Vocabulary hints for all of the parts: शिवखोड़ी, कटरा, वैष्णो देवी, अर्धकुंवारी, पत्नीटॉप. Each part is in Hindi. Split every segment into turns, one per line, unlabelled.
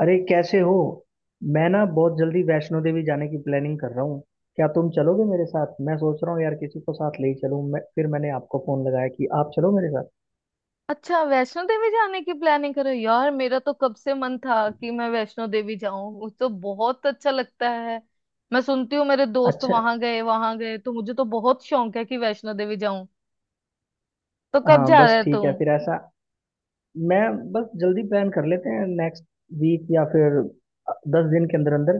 अरे कैसे हो। मैं ना बहुत जल्दी वैष्णो देवी जाने की प्लानिंग कर रहा हूँ। क्या तुम चलोगे मेरे साथ? मैं सोच रहा हूँ यार, किसी को साथ ले ही चलूँ। मैं फिर मैंने आपको फोन लगाया कि आप चलो मेरे साथ।
अच्छा। वैष्णो देवी जाने की प्लानिंग करो यार। मेरा तो कब से मन था कि मैं वैष्णो देवी जाऊं। मुझे तो बहुत अच्छा लगता है। मैं सुनती हूँ मेरे दोस्त
अच्छा,
वहां गए तो मुझे तो बहुत शौक है कि वैष्णो देवी जाऊं। तो कब
हाँ
जा रहे
बस
है तू?
ठीक है। फिर ऐसा मैं बस जल्दी प्लान कर लेते हैं, नेक्स्ट वीक या फिर 10 दिन के अंदर अंदर।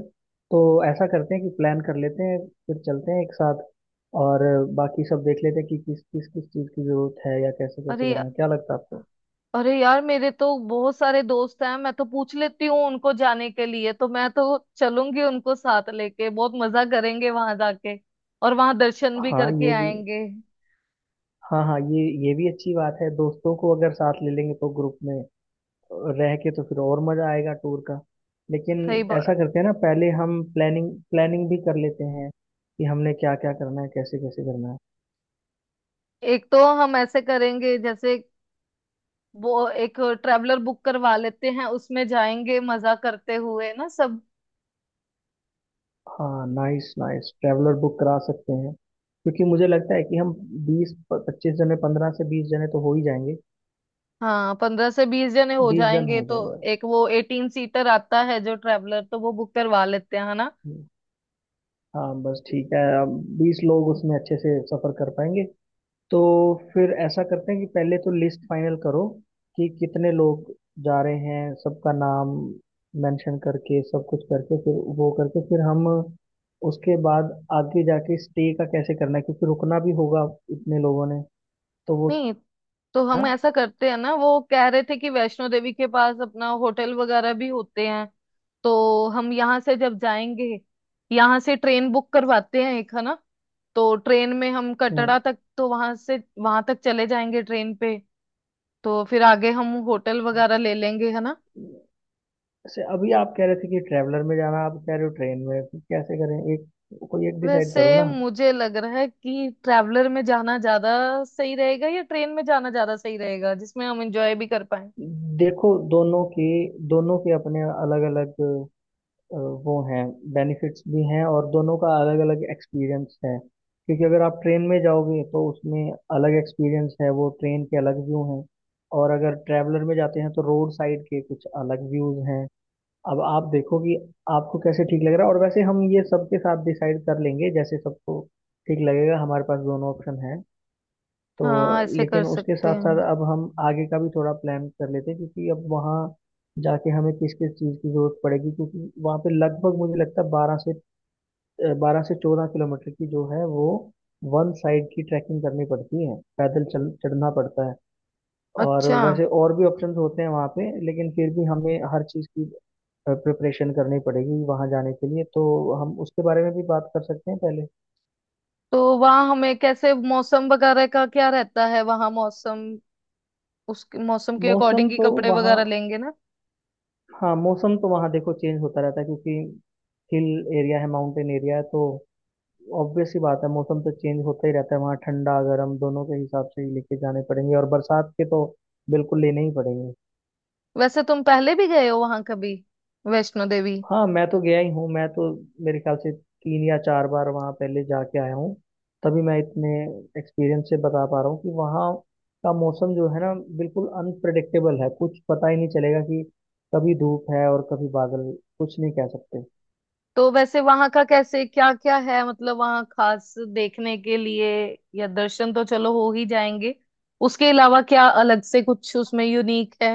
तो ऐसा करते हैं कि प्लान कर लेते हैं, फिर चलते हैं एक साथ, और बाकी सब देख लेते हैं कि किस किस किस चीज़ की ज़रूरत है या कैसे कैसे
अरे या-
करना है। क्या लगता है आपको?
अरे यार, मेरे तो बहुत सारे दोस्त हैं, मैं तो पूछ लेती हूँ उनको जाने के लिए, तो मैं तो चलूंगी उनको साथ लेके। बहुत मजा करेंगे वहां जाके, और वहां दर्शन भी
हाँ
करके
ये भी,
आएंगे।
हाँ हाँ ये भी अच्छी बात है। दोस्तों को अगर साथ ले लेंगे तो ग्रुप में रह के तो फिर और मजा आएगा टूर का। लेकिन
सही बात।
ऐसा करते हैं ना, पहले हम प्लानिंग प्लानिंग भी कर लेते हैं कि हमने क्या क्या करना है, कैसे कैसे करना है।
एक तो हम ऐसे करेंगे, जैसे वो एक ट्रेवलर बुक करवा लेते हैं, उसमें जाएंगे मजा करते हुए ना सब।
हाँ नाइस नाइस, ट्रैवलर बुक करा सकते हैं क्योंकि मुझे लगता है कि हम 20-25 जने, 15 से 20 जने तो हो ही जाएंगे।
हाँ, 15 से 20 जने हो
20 जन
जाएंगे,
हो
तो
जाएंगे।
एक वो 18 सीटर आता है जो ट्रेवलर, तो वो बुक करवा लेते हैं, है ना?
हम्म, हाँ बस ठीक है। अब 20 लोग उसमें अच्छे से सफर कर पाएंगे। तो फिर ऐसा करते हैं कि पहले तो लिस्ट फाइनल करो कि कितने लोग जा रहे हैं, सबका नाम मेंशन करके सब कुछ करके फिर वो करके फिर हम उसके बाद आगे जाके स्टे का कैसे करना है, क्योंकि रुकना भी होगा इतने लोगों ने। तो वो
नहीं, तो
ना।
हम ऐसा करते हैं ना, वो कह रहे थे कि वैष्णो देवी के पास अपना होटल वगैरह भी होते हैं। तो हम यहाँ से जब जाएंगे, यहाँ से ट्रेन बुक करवाते हैं एक, है ना? तो ट्रेन में हम
हम्म,
कटरा तक, तो वहां से वहां तक चले जाएंगे ट्रेन पे। तो फिर आगे हम होटल वगैरह ले लेंगे, है ना?
जैसे अभी आप कह रहे थे कि ट्रैवलर में जाना, आप कह रहे हो ट्रेन में, फिर कैसे करें? एक कोई एक डिसाइड करो
वैसे
ना।
मुझे लग रहा है कि ट्रैवलर में जाना ज्यादा सही रहेगा या ट्रेन में जाना ज्यादा सही रहेगा, जिसमें हम एंजॉय भी कर पाए।
देखो दोनों के अपने अलग अलग अ, वो हैं, बेनिफिट्स भी हैं, और दोनों का अलग अलग एक्सपीरियंस है। क्योंकि अगर आप ट्रेन में जाओगे तो उसमें अलग एक्सपीरियंस है, वो ट्रेन के अलग व्यू हैं। और अगर ट्रैवलर में जाते हैं तो रोड साइड के कुछ अलग व्यूज हैं। अब आप देखो कि आपको कैसे ठीक लग रहा है, और वैसे हम ये सबके साथ डिसाइड कर लेंगे, जैसे सबको ठीक लगेगा। हमारे पास दोनों ऑप्शन है तो।
हाँ, ऐसे
लेकिन
कर
उसके
सकते
साथ
हैं।
साथ अब हम आगे का भी थोड़ा प्लान कर लेते हैं, क्योंकि अब वहाँ जाके हमें किस किस चीज़ की जरूरत पड़ेगी, क्योंकि वहाँ पे लगभग मुझे लगता है 12 से 14 किलोमीटर की जो है वो वन साइड की ट्रैकिंग करनी पड़ती है, पैदल चल चढ़ना पड़ता है। और
अच्छा,
वैसे और भी ऑप्शंस होते हैं वहाँ पे, लेकिन फिर भी हमें हर चीज़ की प्रिपरेशन करनी पड़ेगी वहाँ जाने के लिए, तो हम उसके बारे में भी बात कर सकते हैं पहले।
तो वहाँ हमें कैसे? मौसम वगैरह का क्या रहता है वहाँ? मौसम, उस मौसम के
मौसम
अकॉर्डिंग ही
तो
कपड़े
वहाँ,
वगैरह लेंगे ना।
हाँ मौसम तो वहाँ देखो चेंज होता रहता है क्योंकि हिल एरिया है, माउंटेन एरिया है, तो ऑब्वियस ही बात है, मौसम तो चेंज होता ही रहता है वहाँ। ठंडा गर्म दोनों के हिसाब से ही लेके जाने पड़ेंगे, और बरसात के तो बिल्कुल लेने ही पड़ेंगे।
वैसे तुम पहले भी गए हो वहाँ कभी, वैष्णो देवी?
हाँ मैं तो गया ही हूँ। मैं तो मेरे ख्याल से 3 या 4 बार वहाँ पहले जाके आया हूँ। तभी मैं इतने एक्सपीरियंस से बता पा रहा हूँ कि वहाँ का मौसम जो है ना, बिल्कुल अनप्रडिक्टेबल है। कुछ पता ही नहीं चलेगा कि कभी धूप है और कभी बादल। कुछ नहीं कह सकते।
तो वैसे वहां का कैसे? क्या क्या है, मतलब वहां खास देखने के लिए? या दर्शन तो चलो हो ही जाएंगे, उसके अलावा क्या अलग से कुछ उसमें यूनिक है?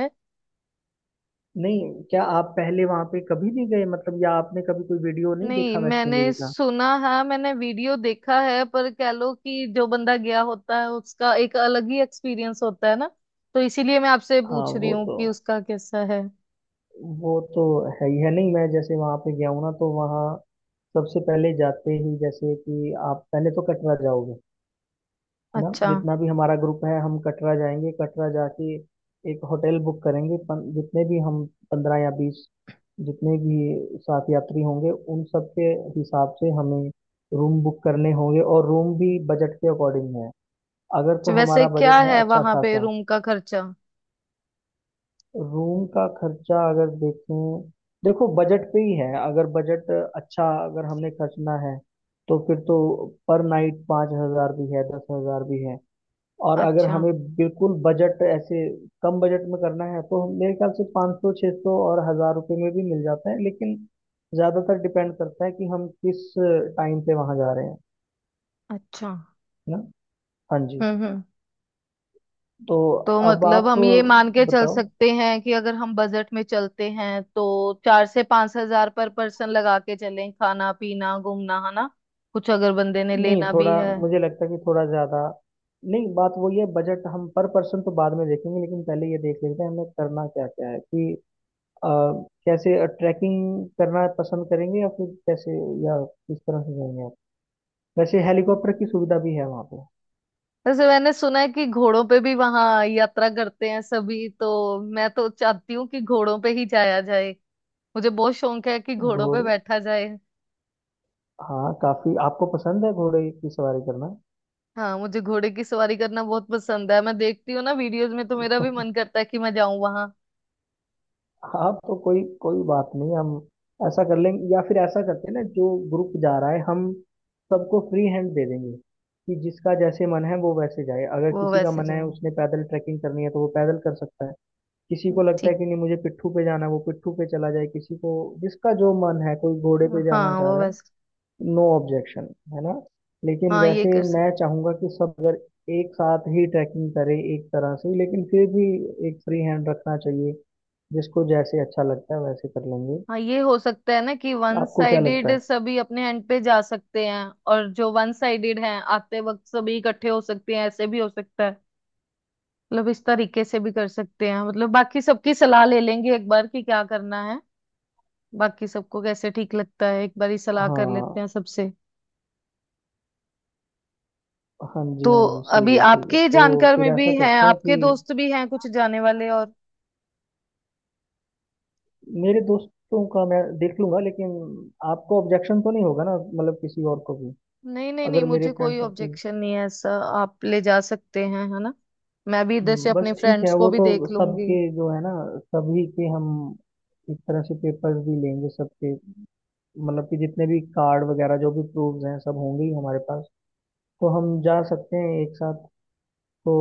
नहीं, क्या आप पहले वहां पे कभी नहीं गए, मतलब या आपने कभी कोई वीडियो नहीं
नहीं,
देखा वैष्णो
मैंने
देवी का?
सुना है, मैंने वीडियो देखा है, पर कह लो कि जो बंदा गया होता है उसका एक अलग ही एक्सपीरियंस होता है ना, तो इसीलिए मैं आपसे
हाँ
पूछ रही
वो
हूँ
तो,
कि उसका कैसा है।
वो तो है ही है। नहीं, मैं जैसे वहां पे गया हूँ ना तो वहाँ सबसे पहले जाते ही, जैसे कि आप पहले तो कटरा जाओगे, है ना।
अच्छा,
जितना भी हमारा ग्रुप है, हम कटरा जाएंगे। कटरा जाके एक होटल बुक करेंगे जितने भी हम 15 या 20, जितने भी साथ यात्री होंगे उन सब के हिसाब से हमें रूम बुक करने होंगे, और रूम भी बजट के अकॉर्डिंग है। अगर तो
तो वैसे
हमारा
क्या
बजट है
है
अच्छा
वहां पे
खासा।
रूम का खर्चा?
रूम का खर्चा अगर देखें, देखो बजट पे ही है। अगर बजट अच्छा, अगर हमने खर्चना है तो फिर तो पर नाइट 5 हजार भी है, 10 हजार भी है। और अगर
अच्छा।
हमें बिल्कुल बजट ऐसे कम बजट में करना है तो मेरे ख्याल से 500 600 और 1000 रुपये में भी मिल जाता है। लेकिन ज़्यादातर डिपेंड करता है कि हम किस टाइम पे वहाँ जा रहे हैं,
अच्छा।
है ना। हाँ जी।
हम्म।
तो
तो
अब
मतलब
आप
हम ये मान के चल
बताओ।
सकते हैं कि अगर हम बजट में चलते हैं तो 4 से 5 हजार पर पर्सन लगा के चलें, खाना पीना घूमना, है ना? कुछ अगर बंदे ने
नहीं,
लेना
थोड़ा
भी है।
मुझे लगता है कि थोड़ा ज्यादा, नहीं बात वही है। बजट हम पर पर्सन तो बाद में देखेंगे, लेकिन पहले ये देख लेते हैं हमें करना क्या क्या है कि अ, कैसे ट्रैकिंग करना पसंद करेंगे, या फिर कैसे, या किस तरह से जाएंगे आप। वैसे हेलीकॉप्टर की
हम्म।
सुविधा भी है वहाँ पे।
वैसे मैंने सुना है कि घोड़ों पे भी वहां यात्रा करते हैं सभी, तो मैं तो चाहती हूँ कि घोड़ों पे ही जाया जाए। मुझे बहुत शौक है कि घोड़ों पे
घोड़े,
बैठा जाए।
हाँ काफी आपको पसंद है घोड़े की सवारी करना।
हाँ, मुझे घोड़े की सवारी करना बहुत पसंद है। मैं देखती हूँ ना वीडियोस में, तो मेरा भी मन करता है कि मैं जाऊं वहां।
हाँ, तो कोई कोई बात नहीं, हम ऐसा कर लेंगे। या फिर ऐसा करते हैं ना, जो ग्रुप जा रहा है हम सबको फ्री हैंड दे देंगे कि जिसका जैसे मन है वो वैसे जाए। अगर
वो
किसी का
वैसे
मन है
जाए।
उसने पैदल ट्रैकिंग करनी है तो वो पैदल कर सकता है। किसी को लगता है
ठीक।
कि नहीं मुझे पिट्ठू पे जाना है, वो पिट्ठू पे चला जाए। किसी को जिसका जो मन है, कोई घोड़े पे जाना
हाँ,
चाह
वो
रहा है,
बस।
नो ऑब्जेक्शन, है ना। लेकिन
हाँ, ये
वैसे
कर
मैं
सकते।
चाहूंगा कि सब अगर एक साथ ही ट्रैकिंग करें एक तरह से, लेकिन फिर भी एक फ्री हैंड रखना चाहिए, जिसको जैसे अच्छा लगता है वैसे कर लेंगे।
हाँ, ये हो सकता है ना कि वन
आपको क्या लगता
साइडेड
है?
सभी अपने एंड पे जा सकते हैं, और जो वन साइडेड हैं आते वक्त सभी इकट्ठे हो सकते हैं, ऐसे भी हो सकता है। मतलब इस तरीके से भी कर सकते हैं, मतलब बाकी सबकी सलाह ले लेंगे एक बार कि क्या करना है। बाकी सबको कैसे ठीक लगता है, एक बार ही सलाह कर लेते हैं
हाँ,
सबसे।
हाँ जी
तो
हाँ जी, सही
अभी
है सही है।
आपके
तो
जानकार
फिर
में भी
ऐसा
हैं,
करते हैं कि
आपके दोस्त भी हैं कुछ जाने वाले? और
मेरे दोस्तों का मैं देख लूंगा, लेकिन आपको ऑब्जेक्शन तो नहीं होगा ना, मतलब किसी और को भी,
नहीं नहीं नहीं,
अगर मेरे
मुझे
फ्रेंड
कोई
सर्कल।
ऑब्जेक्शन नहीं है ऐसा। आप ले जा सकते हैं, है ना? मैं भी इधर से
बस
अपने
ठीक है,
फ्रेंड्स
वो
को भी
तो
देख लूंगी।
सबके जो है ना, सभी के हम इस तरह से पेपर्स भी लेंगे सबके, मतलब कि जितने भी कार्ड वगैरह जो भी प्रूफ्स हैं सब होंगे ही हमारे पास, तो हम जा सकते हैं एक साथ। तो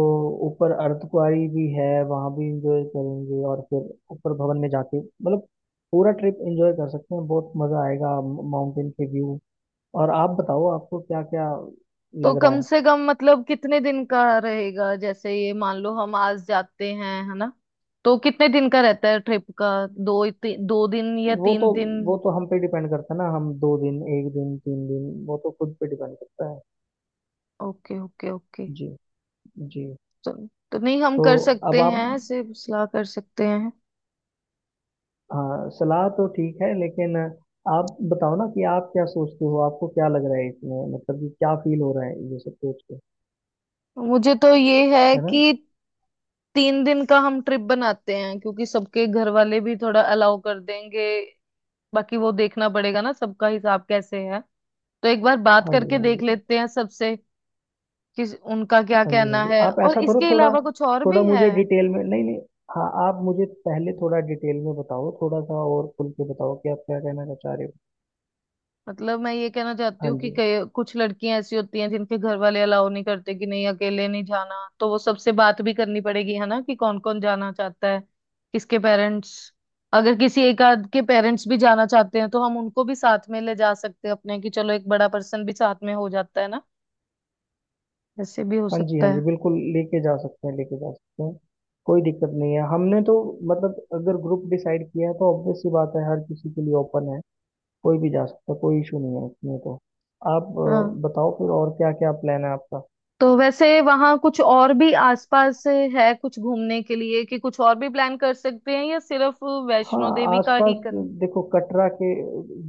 ऊपर अर्धकुंवारी भी है, वहाँ भी इंजॉय करेंगे, और फिर ऊपर भवन में जाके मतलब पूरा ट्रिप इंजॉय कर सकते हैं, बहुत मज़ा आएगा। माउंटेन के व्यू। और आप बताओ आपको क्या क्या
तो
लग रहा
कम
है।
से कम मतलब कितने दिन का रहेगा? जैसे ये मान लो हम आज जाते हैं है ना, तो कितने दिन का रहता है ट्रिप का? दो दिन या
वो तो,
तीन दिन
हम पे डिपेंड करता है ना। हम 2 दिन, एक दिन, 3 दिन, वो तो खुद पे डिपेंड करता है।
Okay okay okay.
जी। जी।
तो, तो नहीं, हम
तो
कर
अब
सकते
आप,
हैं ऐसे, सलाह कर सकते हैं।
हाँ सलाह तो ठीक है, लेकिन आप बताओ ना कि आप क्या सोचते हो, आपको क्या लग रहा है इसमें, मतलब कि क्या फील हो रहा है ये सब सोच के,
मुझे तो ये है
है ना।
कि 3 दिन का हम ट्रिप बनाते हैं, क्योंकि सबके घर वाले भी थोड़ा अलाउ कर देंगे। बाकी वो देखना पड़ेगा ना सबका हिसाब कैसे है, तो एक बार बात
हाँ जी,
करके
हाँ
देख
जी,
लेते हैं सबसे कि उनका क्या
हाँ जी, हाँ
कहना
जी,
है,
आप
और
ऐसा करो
इसके
थोड़ा,
अलावा कुछ और
थोड़ा
भी है।
मुझे डिटेल में, नहीं नहीं, हाँ आप मुझे पहले थोड़ा डिटेल में बताओ, थोड़ा सा और खुल के बताओ कि आप क्या कहना चाह रहे हो।
मतलब मैं ये कहना चाहती
हाँ
हूँ कि
जी
कई कुछ लड़कियां ऐसी होती हैं जिनके घर वाले अलाउ नहीं करते कि नहीं अकेले नहीं जाना, तो वो सबसे बात भी करनी पड़ेगी है ना कि कौन कौन जाना चाहता है, किसके पेरेंट्स। अगर किसी एक आध के पेरेंट्स भी जाना चाहते हैं तो हम उनको भी साथ में ले जा सकते हैं अपने, कि चलो एक बड़ा पर्सन भी साथ में हो जाता है ना, ऐसे भी हो
हाँ जी,
सकता
हाँ जी
है।
बिल्कुल लेके जा सकते हैं, लेके जा सकते हैं। कोई दिक्कत नहीं है हमने तो, मतलब अगर ग्रुप डिसाइड किया है तो ऑब्वियस सी बात है, हर किसी के लिए ओपन है। कोई भी जा सकता है, कोई इशू नहीं है इसमें तो। आप
हाँ,
बताओ फिर और क्या क्या प्लान है आपका।
तो वैसे वहां कुछ और भी आसपास है कुछ घूमने के लिए, कि कुछ और भी प्लान कर सकते हैं, या सिर्फ
हाँ
वैष्णो देवी का
आसपास,
ही करना?
देखो कटरा के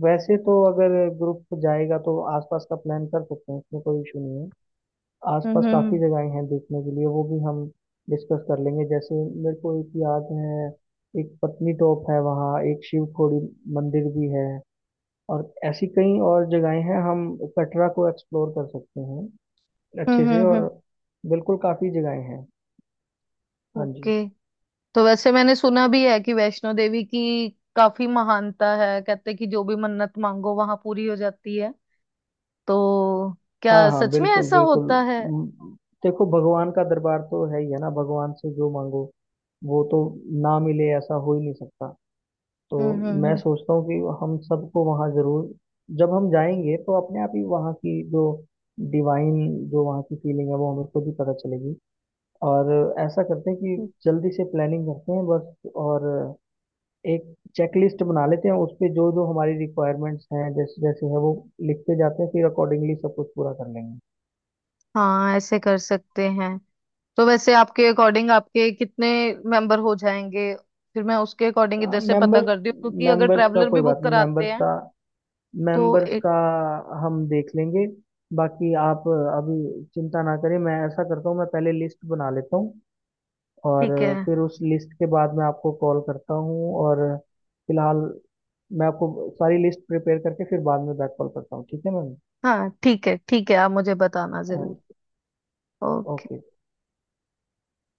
वैसे तो अगर ग्रुप जाएगा तो आसपास का प्लान कर सकते हैं, इसमें कोई इशू नहीं है।
हम्म
आसपास काफ़ी
हम्म
जगहें हैं देखने के लिए, वो भी हम डिस्कस कर लेंगे। जैसे मेरे को एक याद है, एक पत्नीटॉप है, वहाँ एक शिवखोड़ी मंदिर भी है, और ऐसी कई और जगहें हैं। हम कटरा को एक्सप्लोर कर सकते हैं अच्छे
हम्म।
से। और
हम्म।
बिल्कुल काफ़ी जगहें हैं। हाँ जी।
ओके। तो वैसे मैंने सुना भी है कि वैष्णो देवी की काफी महानता है, कहते हैं कि जो भी मन्नत मांगो वहां पूरी हो जाती है, तो
हाँ
क्या
हाँ
सच में
बिल्कुल
ऐसा
बिल्कुल।
होता है?
म, देखो भगवान का दरबार तो है ही है ना, भगवान से जो मांगो वो तो ना मिले, ऐसा हो ही नहीं सकता। तो
हम्म
मैं
हम्म
सोचता हूँ कि हम सबको वहाँ जरूर, जब हम जाएंगे तो अपने आप ही वहाँ की जो डिवाइन, जो वहाँ की फीलिंग है वो हमें खुद ही पता चलेगी। और ऐसा करते हैं
हम्म।
कि जल्दी से प्लानिंग करते हैं बस, और एक चेकलिस्ट बना लेते हैं, उस पे जो जो हमारी रिक्वायरमेंट्स हैं जैसे जैसे है वो लिखते जाते हैं, फिर अकॉर्डिंगली सब कुछ पूरा कर लेंगे।
हाँ, ऐसे कर सकते हैं। तो वैसे आपके अकॉर्डिंग आपके कितने मेंबर हो जाएंगे? फिर मैं उसके अकॉर्डिंग इधर से पता
मेंबर्स
करती हूँ, क्योंकि अगर
मेंबर्स का
ट्रैवलर
कोई
भी
बात
बुक
नहीं, मेंबर्स
कराते हैं
का
तो
मेंबर्स
एक।
का हम देख लेंगे। बाकी आप अभी चिंता ना करें, मैं ऐसा करता हूँ, मैं पहले लिस्ट बना लेता हूँ, और
ठीक है,
फिर उस लिस्ट के बाद मैं आपको कॉल करता हूँ, और फिलहाल मैं आपको सारी लिस्ट प्रिपेयर करके फिर बाद में बैक कॉल करता हूँ, ठीक है मैम।
हाँ ठीक है ठीक है, आप मुझे बताना जरूर।
हाँ,
ओके।
ओके।